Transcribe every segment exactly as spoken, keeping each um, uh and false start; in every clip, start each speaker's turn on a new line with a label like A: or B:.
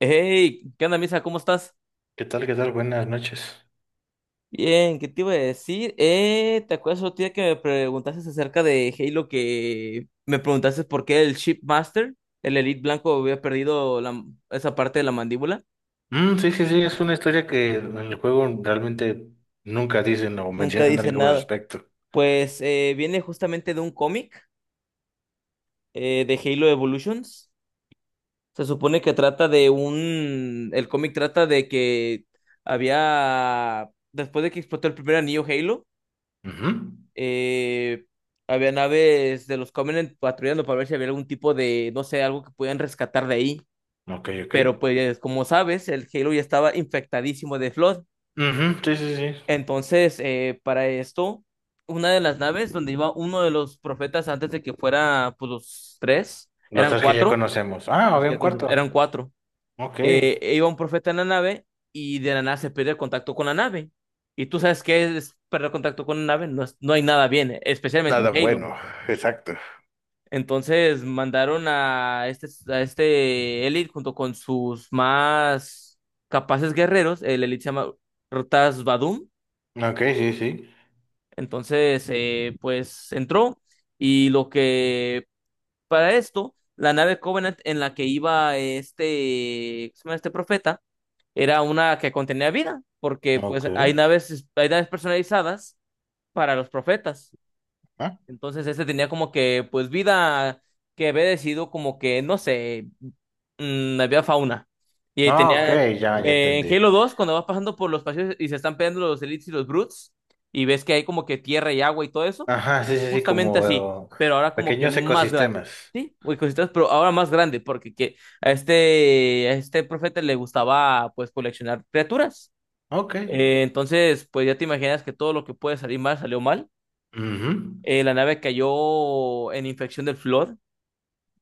A: Hey, ¿qué onda, Misa? ¿Cómo estás?
B: ¿Qué tal? ¿Qué tal? Buenas noches.
A: Bien, ¿qué te iba a decir? Eh, ¿te acuerdas otro día que me preguntaste acerca de Halo, que me preguntaste por qué el Shipmaster, el Elite Blanco, había perdido la- esa parte de la mandíbula?
B: Mm, sí, sí, sí, es una historia que en el juego realmente nunca dicen o
A: Nunca
B: mencionan
A: dice
B: algo al
A: nada.
B: respecto.
A: Pues eh, viene justamente de un cómic, eh, de Halo Evolutions. Se supone que trata de un... El cómic trata de que había... después de que explotó el primer anillo Halo,
B: Ujú.
A: Eh, había naves de los Covenant patrullando para ver si había algún tipo de, no sé, algo que pudieran rescatar de ahí.
B: Ok, ok.
A: Pero pues, como sabes, el Halo ya estaba infectadísimo de Flood.
B: Ujú, sí, sí, sí.
A: Entonces, eh, para esto, una de las naves donde iba uno de los profetas antes de que fuera, pues los tres,
B: Los
A: eran
B: tres que ya
A: cuatro,
B: conocemos. Ah,
A: los
B: había
A: que-
B: un
A: eran
B: cuarto.
A: cuatro.
B: Ok.
A: Eh, e iba un profeta en la nave y de la nada se pierde el contacto con la nave. Y tú sabes qué es perder contacto con la nave, no, es- no hay nada bien, especialmente en
B: Nada
A: Halo.
B: bueno, exacto.
A: Entonces mandaron a este, a este Elite junto con sus más capaces guerreros. El Elite se llama Rotas Vadum.
B: Ok, sí, sí.
A: Entonces, eh, pues entró. Y lo que, para esto, la nave Covenant en la que iba este, ¿cómo se llama este profeta? Era una que contenía vida. Porque pues
B: Ok.
A: hay naves, hay naves personalizadas para los profetas.
B: ¿Ah?
A: Entonces, este tenía como que pues vida que había decidido como que, no sé, mm, había fauna. Y ahí
B: Ah, ok,
A: tenía,
B: ya, ya
A: eh, en
B: entendí.
A: Halo dos, cuando vas pasando por los pasillos y se están peleando los Elites y los Brutes, y ves que hay como que tierra y agua y todo eso,
B: Ajá, sí, sí, sí,
A: justamente
B: como
A: así,
B: eh,
A: pero ahora como que
B: pequeños
A: más grande.
B: ecosistemas.
A: Sí, muy cositas, pero ahora más grande, porque que a este, a este profeta le gustaba pues coleccionar criaturas.
B: Ok.
A: Eh, entonces, pues ya te imaginas que todo lo que puede salir mal salió mal.
B: Mhm.
A: Eh, la nave cayó en infección del flor,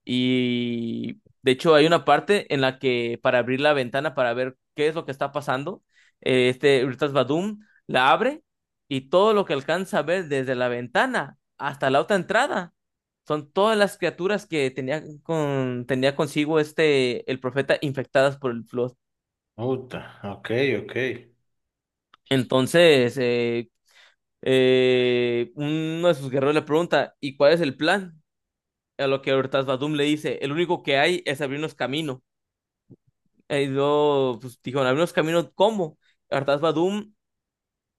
A: y de hecho hay una parte en la que para abrir la ventana para ver qué es lo que está pasando, eh, este Urtas Badum la abre, y todo lo que alcanza a ver desde la ventana hasta la otra entrada son todas las criaturas que tenía con, tenía consigo este el profeta, infectadas por el flor.
B: Puta, ok, ok.
A: Entonces, eh, eh, uno de sus guerreros le pregunta, ¿y cuál es el plan? A lo que Urtas Badum le dice, el único que hay es abrirnos camino. Ha ido, pues dijo, en algunos caminos, ¿cómo? Artax Badum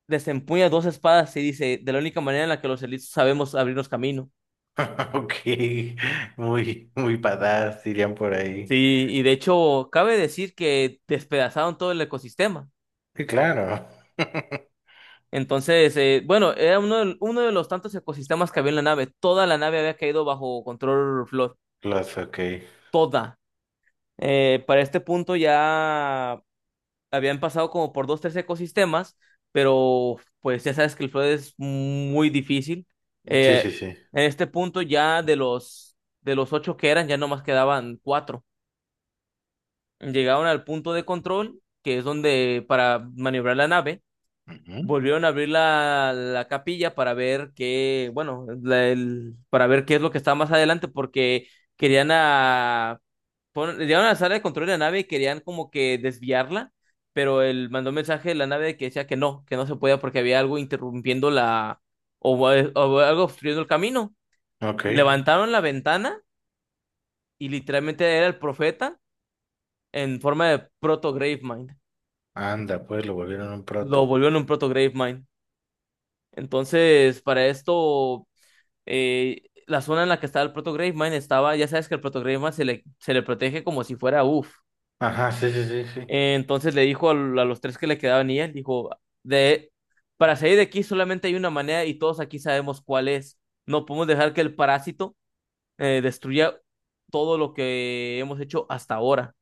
A: desempuña dos espadas y dice, de la única manera en la que los elitos sabemos abrirnos camino.
B: Ok, muy, muy badass, dirían por ahí.
A: Sí, y de hecho, cabe decir que despedazaron todo el ecosistema.
B: Sí, claro.
A: Entonces, eh, bueno, era uno de, uno de los tantos ecosistemas que había en la nave. Toda la nave había caído bajo control Flor.
B: Los, ok.
A: Toda. Eh, para este punto ya habían pasado como por dos, tres ecosistemas, pero pues ya sabes que el Flood es muy difícil.
B: Sí,
A: Eh,
B: sí, sí.
A: en este punto ya de los, de los ocho que eran, ya nomás quedaban cuatro. Llegaron al punto de control, que es donde para maniobrar la nave,
B: Ujú.
A: volvieron a abrir la, la capilla para ver qué, bueno, la- el- para ver qué es lo que está más adelante, porque querían a fueron- llegaron a la sala de control de la nave y querían como que desviarla, pero él mandó un mensaje de la nave que decía que no, que no se podía porque había algo interrumpiendo la, o, o algo obstruyendo el camino.
B: Ok.
A: Levantaron la ventana y literalmente era el profeta en forma de proto Gravemind.
B: Anda, pues lo volvieron un
A: Lo
B: proto.
A: volvieron un proto Gravemind. Entonces, para esto, eh, la zona en la que estaba el proto Gravemind estaba, ya sabes que el proto Gravemind se le, se le protege como si fuera uff.
B: Ajá, sí, sí, sí, sí.
A: Entonces le dijo al- a los tres que le quedaban, y él dijo, de, para salir de aquí solamente hay una manera y todos aquí sabemos cuál es. No podemos dejar que el parásito eh, destruya todo lo que hemos hecho hasta ahora.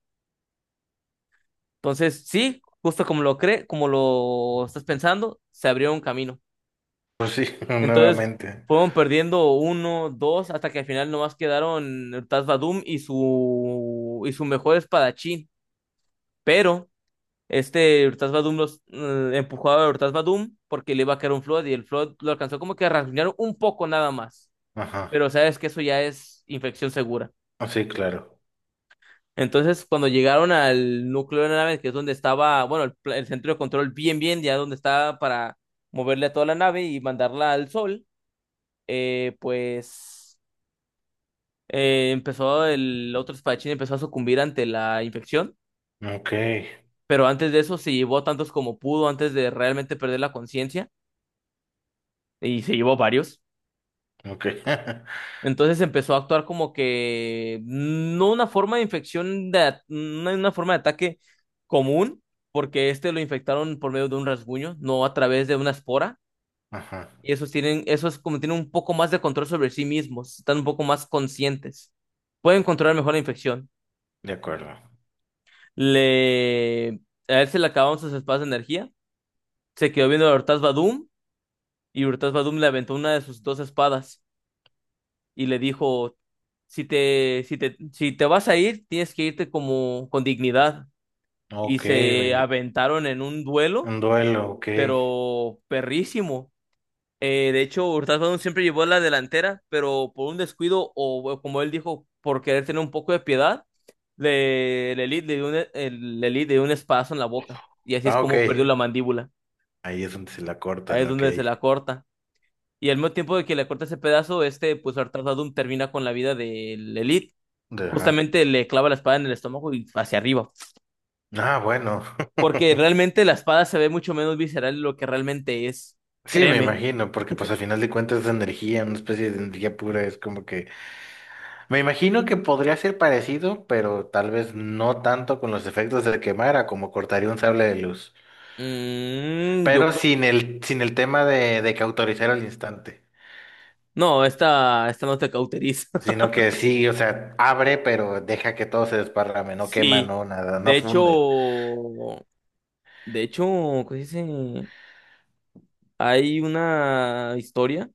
A: Entonces, sí, justo como lo cree, como lo estás pensando, se abrió un camino.
B: Pues sí,
A: Entonces,
B: nuevamente.
A: fueron perdiendo uno, dos, hasta que al final nomás quedaron el Taz Vadum y su, y su mejor espadachín. Pero este Urtas Badum los eh, empujó a Urtas Badum porque le iba a caer un Flood y el Flood lo alcanzó como que a rasguñar un poco nada más.
B: Ajá.
A: Pero sabes que eso ya es infección segura.
B: Ah, sí, claro.
A: Entonces, cuando llegaron al núcleo de la nave, que es donde estaba, bueno, el, pla- el centro de control bien, bien, ya donde estaba para moverle a toda la nave y mandarla al sol, eh, pues eh, empezó el otro espadachín, empezó a sucumbir ante la infección.
B: Ok,
A: Pero antes de eso se llevó a tantos como pudo antes de realmente perder la conciencia, y se llevó varios.
B: ok.
A: Entonces empezó a actuar como que no una forma de infección, de, at- una, una forma de ataque común, porque este lo infectaron por medio de un rasguño, no a través de una espora.
B: Ajá,
A: Y esos tienen, esos como tienen un poco más de control sobre sí mismos, están un poco más conscientes. Pueden controlar mejor la infección.
B: de acuerdo.
A: Le, a él se le acabaron sus espadas de energía. Se quedó viendo a Urtas Badum y Urtas Badum le aventó una de sus dos espadas, y le dijo, si te, si te, si te vas a ir, tienes que irte como con dignidad. Y
B: Ok,
A: se
B: oye.
A: aventaron en un duelo,
B: Un duelo, ok.
A: pero perrísimo. Eh, de hecho, Hurtado Brown siempre llevó la delantera, pero por un descuido o o como él dijo, por querer tener un poco de piedad, le, le, li- le dio un, el- le li- le dio un espadazo en la boca. Y así es
B: Ah, ok.
A: como perdió la mandíbula.
B: Ahí es donde se la
A: Ahí
B: cortan,
A: es
B: ok.
A: donde se la corta. Y al mismo tiempo de que le corta ese pedazo, este, pues Artasadum termina con la vida del Elite.
B: Ajá.
A: Justamente le clava la espada en el estómago y hacia arriba.
B: Ah, bueno.
A: Porque realmente la espada se ve mucho menos visceral de lo que realmente es.
B: Sí, me
A: Créeme.
B: imagino, porque pues al final de cuentas es energía, una especie de energía pura, es como que... Me imagino que podría ser parecido, pero tal vez no tanto con los efectos de quemar, a como cortaría un sable de luz.
A: Mm, yo
B: Pero
A: creo.
B: sin el, sin el tema de, de cauterizar al instante,
A: No, esta, esta no te cauteriza.
B: sino que sí, o sea, abre, pero deja que todo se desparrame, no quema,
A: Sí.
B: no nada, no
A: De
B: funde.
A: hecho. De hecho, ¿cómo se dice? Hay una historia.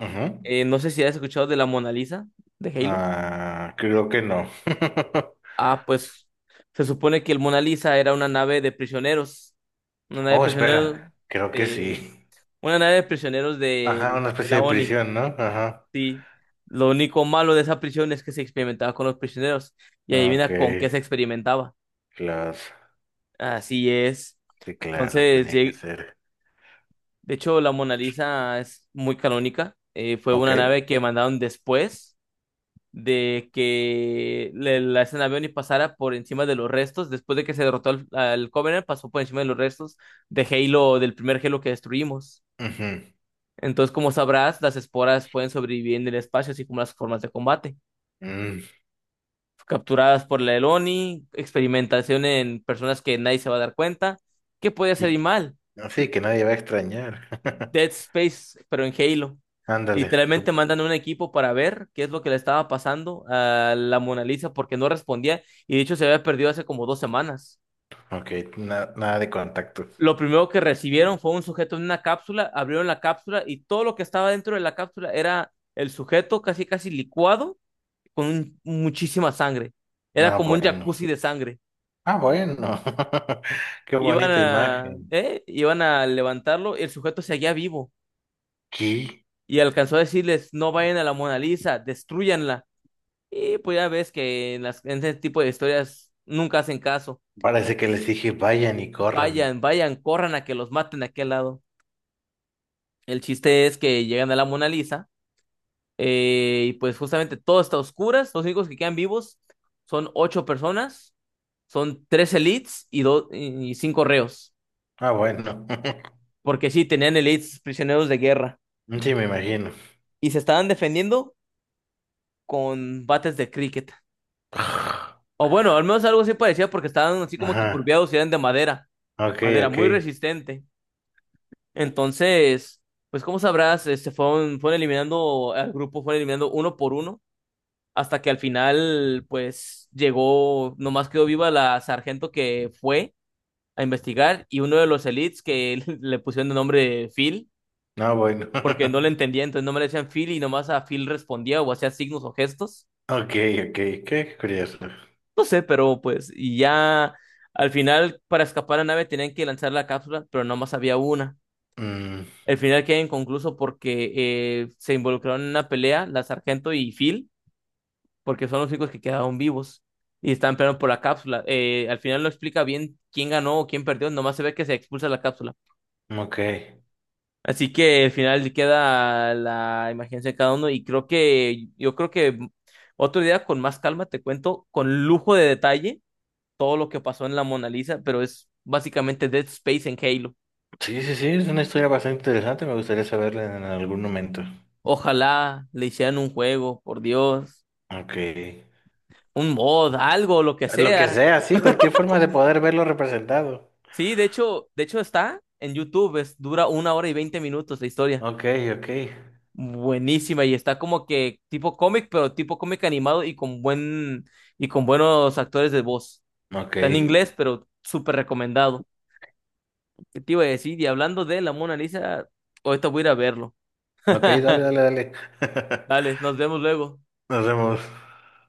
B: Ujú.
A: eh, No sé si has escuchado de la Mona Lisa de Halo.
B: Ah, creo que no.
A: Ah, pues se supone que el Mona Lisa era una nave de prisioneros. Una nave de
B: Oh,
A: prisioneros
B: espera, creo que
A: de,
B: sí.
A: Una nave de prisioneros
B: Ajá,
A: de,
B: una
A: de
B: especie
A: la
B: de
A: o n i,
B: prisión, ¿no? Ajá.
A: sí. Lo único malo de esa prisión es que se experimentaba con los prisioneros. Y
B: Ok.
A: adivina con qué se experimentaba.
B: Claro,
A: Así es.
B: sí, claro,
A: Entonces,
B: tenía que
A: lleg-
B: ser.
A: de hecho, la Mona Lisa es muy canónica. Eh, fue
B: Ok.
A: una nave que mandaron después de que le- la esa nave o n i pasara por encima de los restos. Después de que se derrotó al, al Covenant, pasó por encima de los restos de Halo, del primer Halo que destruimos.
B: Ujú.
A: Entonces, como sabrás, las esporas pueden sobrevivir en el espacio, así como las formas de combate.
B: Mm,
A: Capturadas por la Eloni, experimentación en personas que nadie se va a dar cuenta. ¿Qué puede hacer
B: y
A: y
B: que-
A: mal?
B: así que nadie va a extrañar.
A: Dead Space, pero en Halo.
B: Ándale.
A: Literalmente
B: Sup-
A: mandan un equipo para ver qué es lo que le estaba pasando a la Mona Lisa porque no respondía, y de hecho se había perdido hace como dos semanas.
B: ok, na- nada de contactos.
A: Lo primero que recibieron fue un sujeto en una cápsula, abrieron la cápsula y todo lo que estaba dentro de la cápsula era el sujeto casi casi licuado con un- muchísima sangre. Era
B: Ah,
A: como un
B: bueno.
A: jacuzzi de sangre.
B: Ah, bueno. Qué
A: Iban
B: bonita
A: a,
B: imagen.
A: ¿eh? Iban a levantarlo, el sujeto seguía vivo
B: ¿Qué?
A: y alcanzó a decirles, no vayan a la Mona Lisa, destrúyanla. Y pues ya ves que en, las, en ese tipo de historias nunca hacen caso.
B: Parece que les dije vayan y corran.
A: Vayan, vayan, corran a que los maten a aquel lado. El chiste es que llegan a la Mona Lisa, eh, y pues justamente todo está a oscuras, los únicos que quedan vivos son ocho personas, son tres elites y, do- y cinco reos.
B: Ah, bueno.
A: Porque sí, tenían elites prisioneros de guerra
B: Sí, me imagino.
A: y se estaban defendiendo con bates de cricket. O bueno, al menos algo así parecía porque estaban así como que
B: Ajá.
A: curviados y eran de madera,
B: Ok,
A: madera
B: ok.
A: muy resistente. Entonces, pues como sabrás, este, fueron, fueron eliminando al grupo, fueron eliminando uno por uno hasta que al final, pues llegó, nomás quedó viva la sargento que fue a investigar y uno de los elites que le pusieron de nombre Phil
B: No, bueno.
A: porque no le entendía, entonces no me le decían Phil, y nomás a Phil respondía o hacía signos o gestos.
B: Ok, ok. Qué curioso.
A: No sé, pero pues, y ya al final para escapar a la nave tenían que lanzar la cápsula, pero nomás había una.
B: Mm,
A: El final queda inconcluso porque eh, se involucraron en una pelea, la sargento y Phil, porque son los únicos que quedaron vivos y estaban peleando por la cápsula. Eh, al final no explica bien quién ganó o quién perdió, nomás se ve que se expulsa la cápsula.
B: ok.
A: Así que al final queda la imaginación de cada uno y creo que yo creo que otro día con más calma te cuento con lujo de detalle todo lo que pasó en la Mona Lisa, pero es básicamente Dead Space en Halo.
B: Sí, sí, sí, es una historia bastante interesante, me gustaría saberla en algún momento.
A: Ojalá le hicieran un juego, por Dios,
B: Ok.
A: un mod, algo, lo que
B: Lo que
A: sea.
B: sea, sí, cualquier forma de poder verlo representado.
A: Sí, de hecho, de hecho está en YouTube, es, dura una hora y veinte minutos la historia.
B: Ok, ok.
A: Buenísima, y está como que tipo cómic, pero tipo cómic animado y con buen y con buenos actores de voz.
B: Ok.
A: Está en inglés, pero súper recomendado. ¿Qué te iba a decir? Y hablando de la Mona Lisa, ahorita voy a ir a verlo.
B: Ok, dale, dale, dale.
A: Dale, nos vemos luego.
B: Nos vemos.